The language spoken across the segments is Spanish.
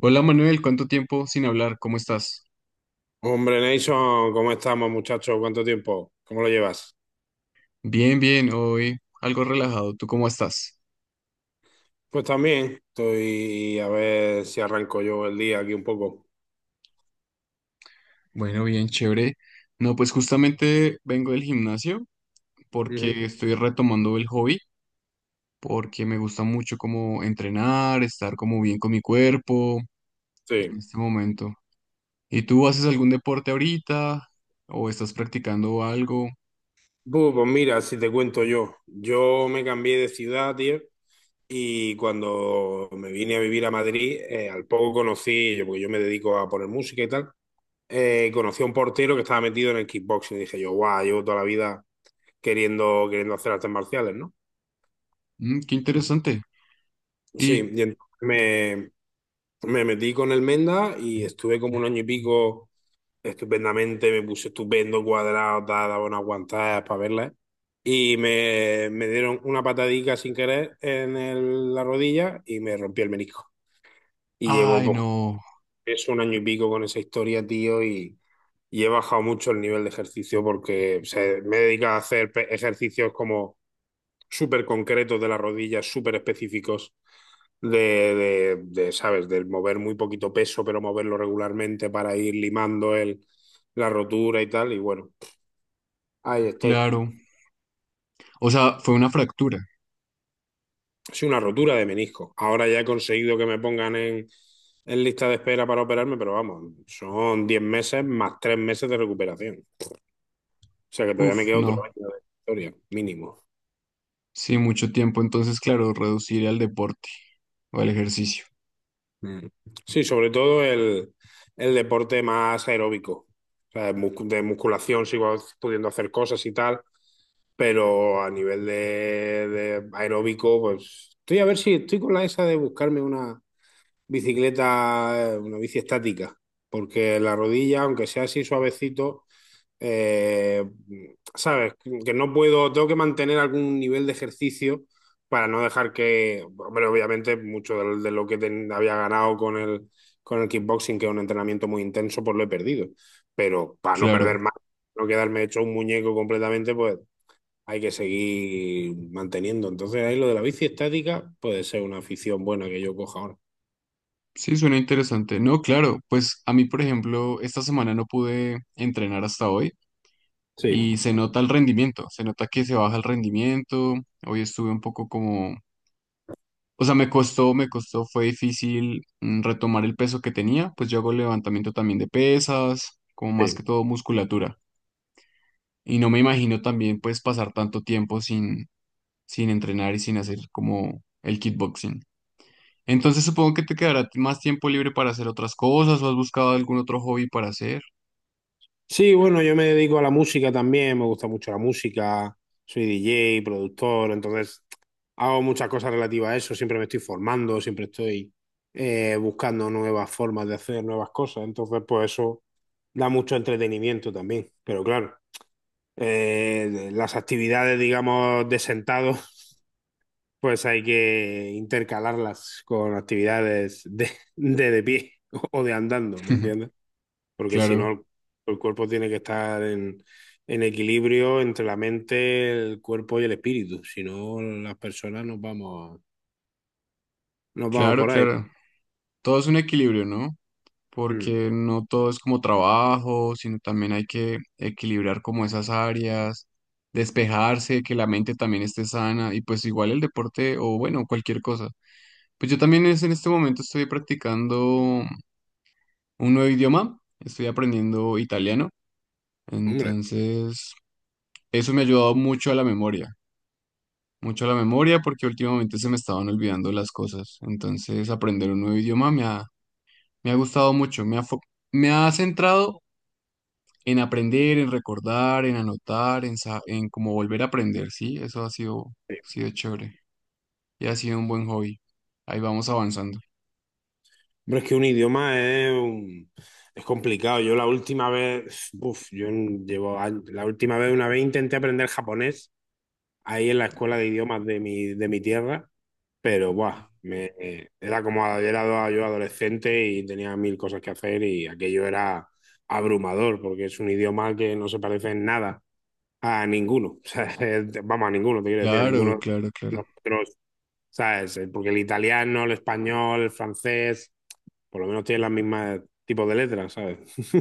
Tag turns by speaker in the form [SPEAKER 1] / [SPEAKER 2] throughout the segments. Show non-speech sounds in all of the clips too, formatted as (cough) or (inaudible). [SPEAKER 1] Hola Manuel, ¿cuánto tiempo sin hablar? ¿Cómo estás?
[SPEAKER 2] Hombre, Nation, ¿cómo estamos, muchachos? ¿Cuánto tiempo? ¿Cómo lo llevas?
[SPEAKER 1] Bien, bien, hoy algo relajado. ¿Tú cómo estás?
[SPEAKER 2] Pues también, estoy a ver si arranco yo el día aquí un poco.
[SPEAKER 1] Bueno, bien, chévere. No, pues justamente vengo del gimnasio
[SPEAKER 2] Ujú.
[SPEAKER 1] porque estoy retomando el hobby, porque me gusta mucho como entrenar, estar como bien con mi cuerpo
[SPEAKER 2] Sí.
[SPEAKER 1] en este momento. ¿Y tú haces algún deporte ahorita o estás practicando algo?
[SPEAKER 2] Bu, pues mira, si te cuento yo me cambié de ciudad, tío, y cuando me vine a vivir a Madrid, al poco conocí, yo, porque yo me dedico a poner música y tal, conocí a un portero que estaba metido en el kickboxing y dije yo, guau, llevo toda la vida queriendo hacer artes marciales, ¿no?
[SPEAKER 1] Mm, qué interesante.
[SPEAKER 2] Sí,
[SPEAKER 1] Y,
[SPEAKER 2] y entonces me metí con el Menda y estuve como un año y pico estupendamente, me puse estupendo, cuadrado, tal, daba una aguantada para verla. Y me dieron una patadica sin querer en la rodilla y me rompí el menisco. Y llevo
[SPEAKER 1] ay,
[SPEAKER 2] pues,
[SPEAKER 1] no,
[SPEAKER 2] es un año y pico con esa historia, tío, y he bajado mucho el nivel de ejercicio porque o sea, me he dedicado a hacer ejercicios como súper concretos de las rodillas, súper específicos, de, de, ¿sabes? Del mover muy poquito peso, pero moverlo regularmente para ir limando la rotura y tal. Y bueno, ahí estoy.
[SPEAKER 1] claro. O sea, ¿fue una fractura?
[SPEAKER 2] Es una rotura de menisco. Ahora ya he conseguido que me pongan en lista de espera para operarme, pero vamos, son 10 meses más 3 meses de recuperación. O sea que todavía me
[SPEAKER 1] Uf,
[SPEAKER 2] queda otro
[SPEAKER 1] no.
[SPEAKER 2] año de historia, mínimo.
[SPEAKER 1] Sí, mucho tiempo. Entonces, claro, reducir al deporte o al ejercicio.
[SPEAKER 2] Mm. Sí, sobre todo el deporte más aeróbico. O sea, de musculación sigo pudiendo hacer cosas y tal, pero a nivel de aeróbico, pues estoy a ver si estoy con la esa de buscarme una, bicicleta, una bici estática, porque la rodilla, aunque sea así suavecito, eh, sabes, que no puedo, tengo que mantener algún nivel de ejercicio para no dejar que, hombre, obviamente mucho de, lo que había ganado con el kickboxing, que es un entrenamiento muy intenso, pues lo he perdido. Pero para no perder
[SPEAKER 1] Claro.
[SPEAKER 2] más, no quedarme hecho un muñeco completamente, pues hay que seguir manteniendo. Entonces ahí lo de la bici estática puede ser una afición buena que yo coja ahora.
[SPEAKER 1] Sí, suena interesante. No, claro. Pues a mí, por ejemplo, esta semana no pude entrenar hasta hoy
[SPEAKER 2] Sí,
[SPEAKER 1] y se nota el rendimiento. Se nota que se baja el rendimiento. Hoy estuve un poco como... O sea, me costó, fue difícil retomar el peso que tenía. Pues yo hago levantamiento también de pesas, como más que
[SPEAKER 2] sí.
[SPEAKER 1] todo musculatura. Y no me imagino también pues pasar tanto tiempo sin entrenar y sin hacer como el kickboxing. Entonces supongo que te quedará más tiempo libre para hacer otras cosas o has buscado algún otro hobby para hacer.
[SPEAKER 2] Sí, bueno, yo me dedico a la música también, me gusta mucho la música, soy DJ, productor, entonces hago muchas cosas relativas a eso, siempre me estoy formando, siempre estoy buscando nuevas formas de hacer nuevas cosas, entonces pues eso da mucho entretenimiento también, pero claro, las actividades, digamos, de sentado, (laughs) pues hay que intercalarlas con actividades de pie (laughs) o de andando, ¿me
[SPEAKER 1] (laughs)
[SPEAKER 2] entiendes? Porque si no,
[SPEAKER 1] Claro,
[SPEAKER 2] el cuerpo tiene que estar en equilibrio entre la mente, el cuerpo y el espíritu. Si no, las personas nos vamos
[SPEAKER 1] claro,
[SPEAKER 2] por ahí.
[SPEAKER 1] claro. Todo es un equilibrio, ¿no?
[SPEAKER 2] Mm,
[SPEAKER 1] Porque no todo es como trabajo, sino también hay que equilibrar como esas áreas, despejarse, que la mente también esté sana y pues igual el deporte o bueno, cualquier cosa. Pues yo también es, en este momento estoy practicando un nuevo idioma, estoy aprendiendo italiano,
[SPEAKER 2] Hombre.
[SPEAKER 1] entonces eso me ha ayudado mucho a la memoria. Mucho la memoria porque últimamente se me estaban olvidando las cosas. Entonces, aprender un nuevo idioma me ha gustado mucho, me ha centrado en aprender, en recordar, en anotar, en como volver a aprender, ¿sí?
[SPEAKER 2] Sí.
[SPEAKER 1] Sido chévere y ha sido un buen hobby. Ahí vamos avanzando.
[SPEAKER 2] Hombre, es que un idioma es, es complicado. Yo la última vez, uf, la última vez, una vez intenté aprender japonés ahí en la escuela de idiomas de de mi tierra. Pero, buah, era como era yo adolescente y tenía mil cosas que hacer y aquello era abrumador porque es un idioma que no se parece en nada a ninguno. (laughs) O sea, vamos, a ninguno, te quiero decir, a
[SPEAKER 1] Claro,
[SPEAKER 2] ninguno
[SPEAKER 1] claro,
[SPEAKER 2] de
[SPEAKER 1] claro.
[SPEAKER 2] nosotros, ¿sabes? Porque el italiano, el español, el francés, por lo menos tienen las mismas tipos de letras, ¿sabes? (laughs)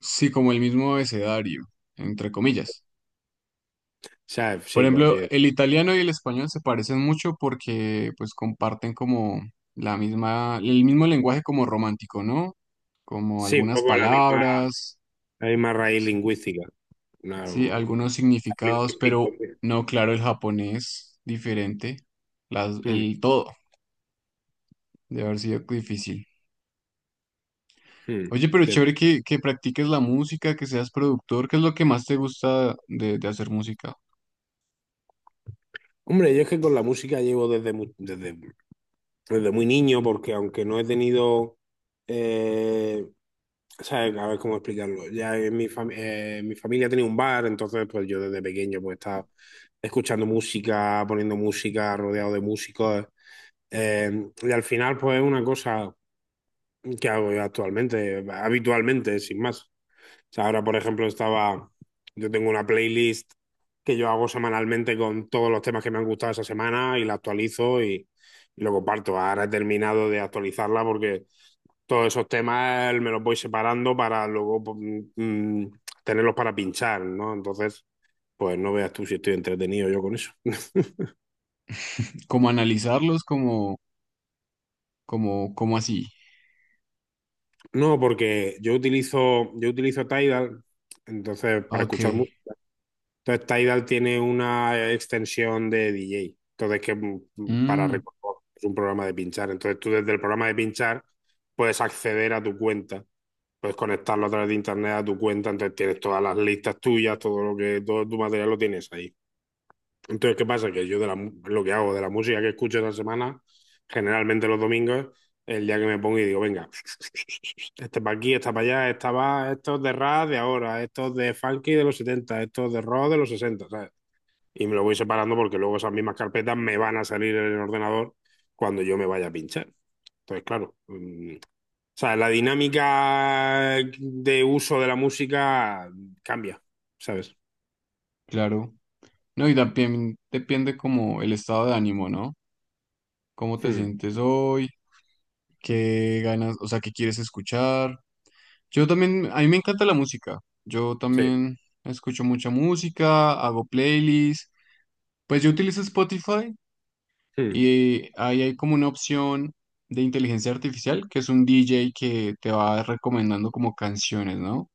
[SPEAKER 1] Sí, como el mismo abecedario, entre comillas.
[SPEAKER 2] O sí,
[SPEAKER 1] Por
[SPEAKER 2] por así
[SPEAKER 1] ejemplo,
[SPEAKER 2] decirlo.
[SPEAKER 1] el italiano y el español se parecen mucho porque pues comparten como el mismo lenguaje como romántico, ¿no? Como
[SPEAKER 2] Sí, un
[SPEAKER 1] algunas
[SPEAKER 2] poco la misma,
[SPEAKER 1] palabras,
[SPEAKER 2] la misma raíz lingüística. Una,
[SPEAKER 1] sí, algunos
[SPEAKER 2] una-
[SPEAKER 1] significados,
[SPEAKER 2] lingüístico.
[SPEAKER 1] pero no, claro, el japonés diferente,
[SPEAKER 2] Mm,
[SPEAKER 1] el todo, de haber sido difícil.
[SPEAKER 2] mm.
[SPEAKER 1] Oye, pero chévere que practiques la música, que seas productor, ¿qué es lo que más te gusta de hacer música?
[SPEAKER 2] Hombre, yo es que con la música llevo desde muy niño, porque aunque no he tenido, eh, ¿sabes? A ver cómo explicarlo. Ya en mi familia tenía un bar, entonces pues yo desde pequeño pues estaba escuchando música, poniendo música, rodeado de músicos. Y al final pues es una cosa qué hago yo actualmente, habitualmente, sin más. O sea, ahora, por ejemplo, yo tengo una playlist que yo hago semanalmente con todos los temas que me han gustado esa semana y la actualizo y lo comparto. Ahora he terminado de actualizarla porque todos esos temas me los voy separando para luego pues, tenerlos para pinchar, ¿no? Entonces, pues no veas tú si estoy entretenido yo con eso. (laughs)
[SPEAKER 1] Como analizarlos, como así.
[SPEAKER 2] No, porque yo utilizo Tidal, entonces, para
[SPEAKER 1] Ok.
[SPEAKER 2] escuchar música. Entonces Tidal tiene una extensión de DJ. Entonces que para
[SPEAKER 1] Mm,
[SPEAKER 2] recordar es un programa de pinchar. Entonces tú desde el programa de pinchar puedes acceder a tu cuenta, puedes conectarlo a través de internet a tu cuenta. Entonces tienes todas las listas tuyas, todo lo que todo tu material lo tienes ahí. Entonces, ¿qué pasa? Que yo de lo que hago de la música que escucho esa semana, generalmente los domingos, el día que me pongo y digo, venga, (laughs) este para aquí, esta para allá, esta va, esto es de rap de ahora, esto es de funky de los setenta, esto es de rock de los sesenta, ¿sabes? Y me lo voy separando porque luego esas mismas carpetas me van a salir en el ordenador cuando yo me vaya a pinchar. Entonces, claro, o sea, la dinámica de uso de la música cambia, ¿sabes?
[SPEAKER 1] claro. No, y también depende como el estado de ánimo, ¿no? ¿Cómo te
[SPEAKER 2] Hmm,
[SPEAKER 1] sientes hoy? ¿Qué ganas, o sea, qué quieres escuchar? Yo también, a mí me encanta la música. Yo
[SPEAKER 2] sí,
[SPEAKER 1] también escucho mucha música, hago playlists. Pues yo utilizo Spotify
[SPEAKER 2] hmm,
[SPEAKER 1] y ahí hay como una opción de inteligencia artificial, que es un DJ que te va recomendando como canciones, ¿no?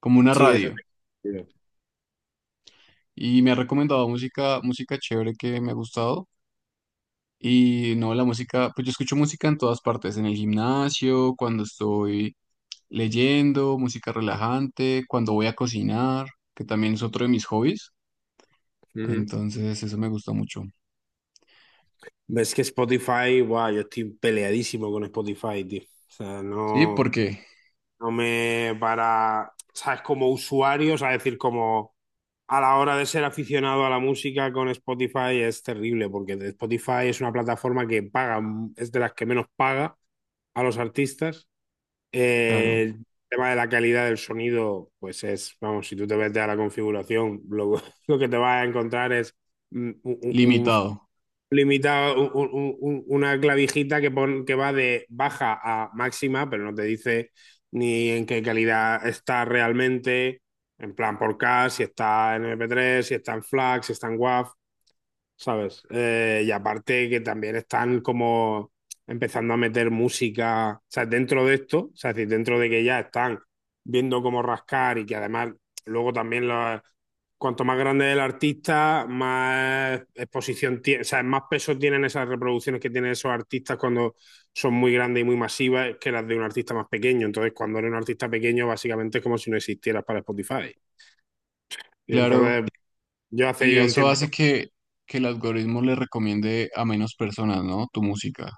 [SPEAKER 1] Como una
[SPEAKER 2] sí, eso
[SPEAKER 1] radio.
[SPEAKER 2] es.
[SPEAKER 1] Y me ha recomendado música, música chévere que me ha gustado. Y no, la música, pues yo escucho música en todas partes, en el gimnasio, cuando estoy leyendo, música relajante, cuando voy a cocinar, que también es otro de mis hobbies. Entonces, eso me gusta mucho.
[SPEAKER 2] Ves que Spotify, guau, yo estoy peleadísimo con Spotify, tío. O sea,
[SPEAKER 1] Sí,
[SPEAKER 2] no,
[SPEAKER 1] porque,
[SPEAKER 2] no me para, sabes, como usuario, o sea, decir, como a la hora de ser aficionado a la música con Spotify es terrible, porque Spotify es una plataforma que paga, es de las que menos paga a los artistas.
[SPEAKER 1] claro,
[SPEAKER 2] El tema de la calidad del sonido, pues es, vamos, si tú te metes a la configuración, lo, (laughs) lo que te vas a encontrar es mm, un- un-
[SPEAKER 1] limitado,
[SPEAKER 2] limita una clavijita que, que va de baja a máxima, pero no te dice ni en qué calidad está realmente, en plan por K, si está en MP3, si está en FLAC, si está en WAV. ¿Sabes? Y aparte que también están como empezando a meter música, o sea, dentro de esto, o sea, es decir, dentro de que ya están viendo cómo rascar y que además luego también cuanto más grande es el artista, más exposición tiene, o sea, más peso tienen esas reproducciones que tienen esos artistas cuando son muy grandes y muy masivas que las de un artista más pequeño. Entonces, cuando eres un artista pequeño, básicamente es como si no existieras para Spotify. Y
[SPEAKER 1] claro.
[SPEAKER 2] entonces, yo hace
[SPEAKER 1] Y
[SPEAKER 2] ya un
[SPEAKER 1] eso
[SPEAKER 2] tiempo.
[SPEAKER 1] hace que el algoritmo le recomiende a menos personas, ¿no? Tu música,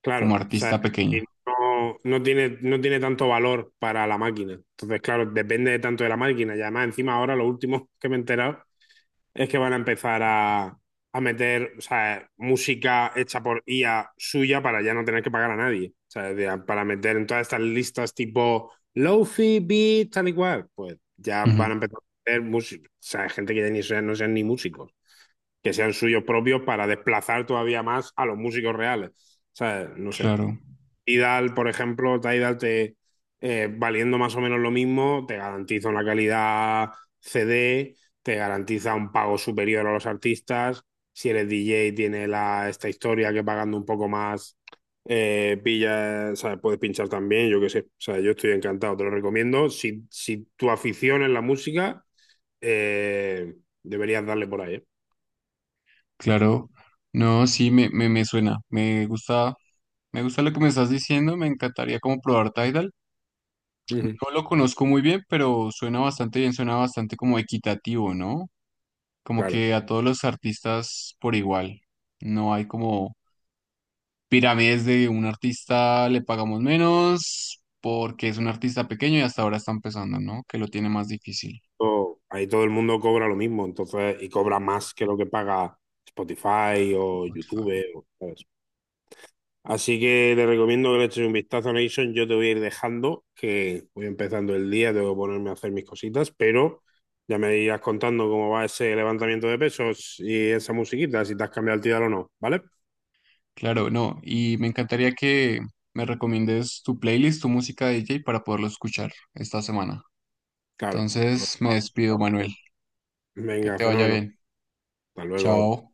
[SPEAKER 2] Claro,
[SPEAKER 1] como
[SPEAKER 2] o sea,
[SPEAKER 1] artista pequeño.
[SPEAKER 2] y no, no tiene tanto valor para la máquina. Entonces, claro, depende tanto de la máquina. Y además, encima ahora lo último (laughs) que me he enterado es que van a empezar a meter, o sea, música hecha por IA suya para ya no tener que pagar a nadie. O sea, para meter en todas estas listas tipo lofi, beat, tal y cual. Pues ya van
[SPEAKER 1] Ujú.
[SPEAKER 2] a empezar a meter música. O sea, gente que ya ni sean, no sean ni músicos, que sean suyos propios para desplazar todavía más a los músicos reales. O sea, no sé.
[SPEAKER 1] Claro.
[SPEAKER 2] Tidal, por ejemplo, Tidal te valiendo más o menos lo mismo, te garantiza una calidad CD, te garantiza un pago superior a los artistas. Si eres DJ, tiene la, esta historia que pagando un poco más, pilla, o sea, puedes pinchar también, yo qué sé. O sea, yo estoy encantado, te lo recomiendo. Si tu afición es la música, eh, deberías darle por ahí. ¿Eh?
[SPEAKER 1] Claro, no, sí, me suena, me gusta lo que me estás diciendo, me encantaría como probar Tidal.
[SPEAKER 2] Ujú,
[SPEAKER 1] No lo conozco muy bien, pero suena bastante bien, suena bastante como equitativo, ¿no? Como
[SPEAKER 2] claro.
[SPEAKER 1] que a todos los artistas por igual. No hay como pirámides de un artista le pagamos menos porque es un artista pequeño y hasta ahora está empezando, ¿no? Que lo tiene más difícil.
[SPEAKER 2] Ahí todo el mundo cobra lo mismo, entonces, y cobra más que lo que paga Spotify o YouTube, ¿sabes? Así que te recomiendo que le eches un vistazo a Nation. Yo te voy a ir dejando, que voy empezando el día, tengo que ponerme a hacer mis cositas, pero ya me irás contando cómo va ese levantamiento de pesos y esa musiquita, si te has cambiado el tiro o no, ¿vale?
[SPEAKER 1] Claro, no, y me encantaría que me recomiendes tu playlist, tu música de DJ para poderlo escuchar esta semana.
[SPEAKER 2] Claro.
[SPEAKER 1] Entonces, me despido, Manuel. Que
[SPEAKER 2] Venga,
[SPEAKER 1] te vaya
[SPEAKER 2] fenómeno.
[SPEAKER 1] bien.
[SPEAKER 2] Hasta luego.
[SPEAKER 1] Chao.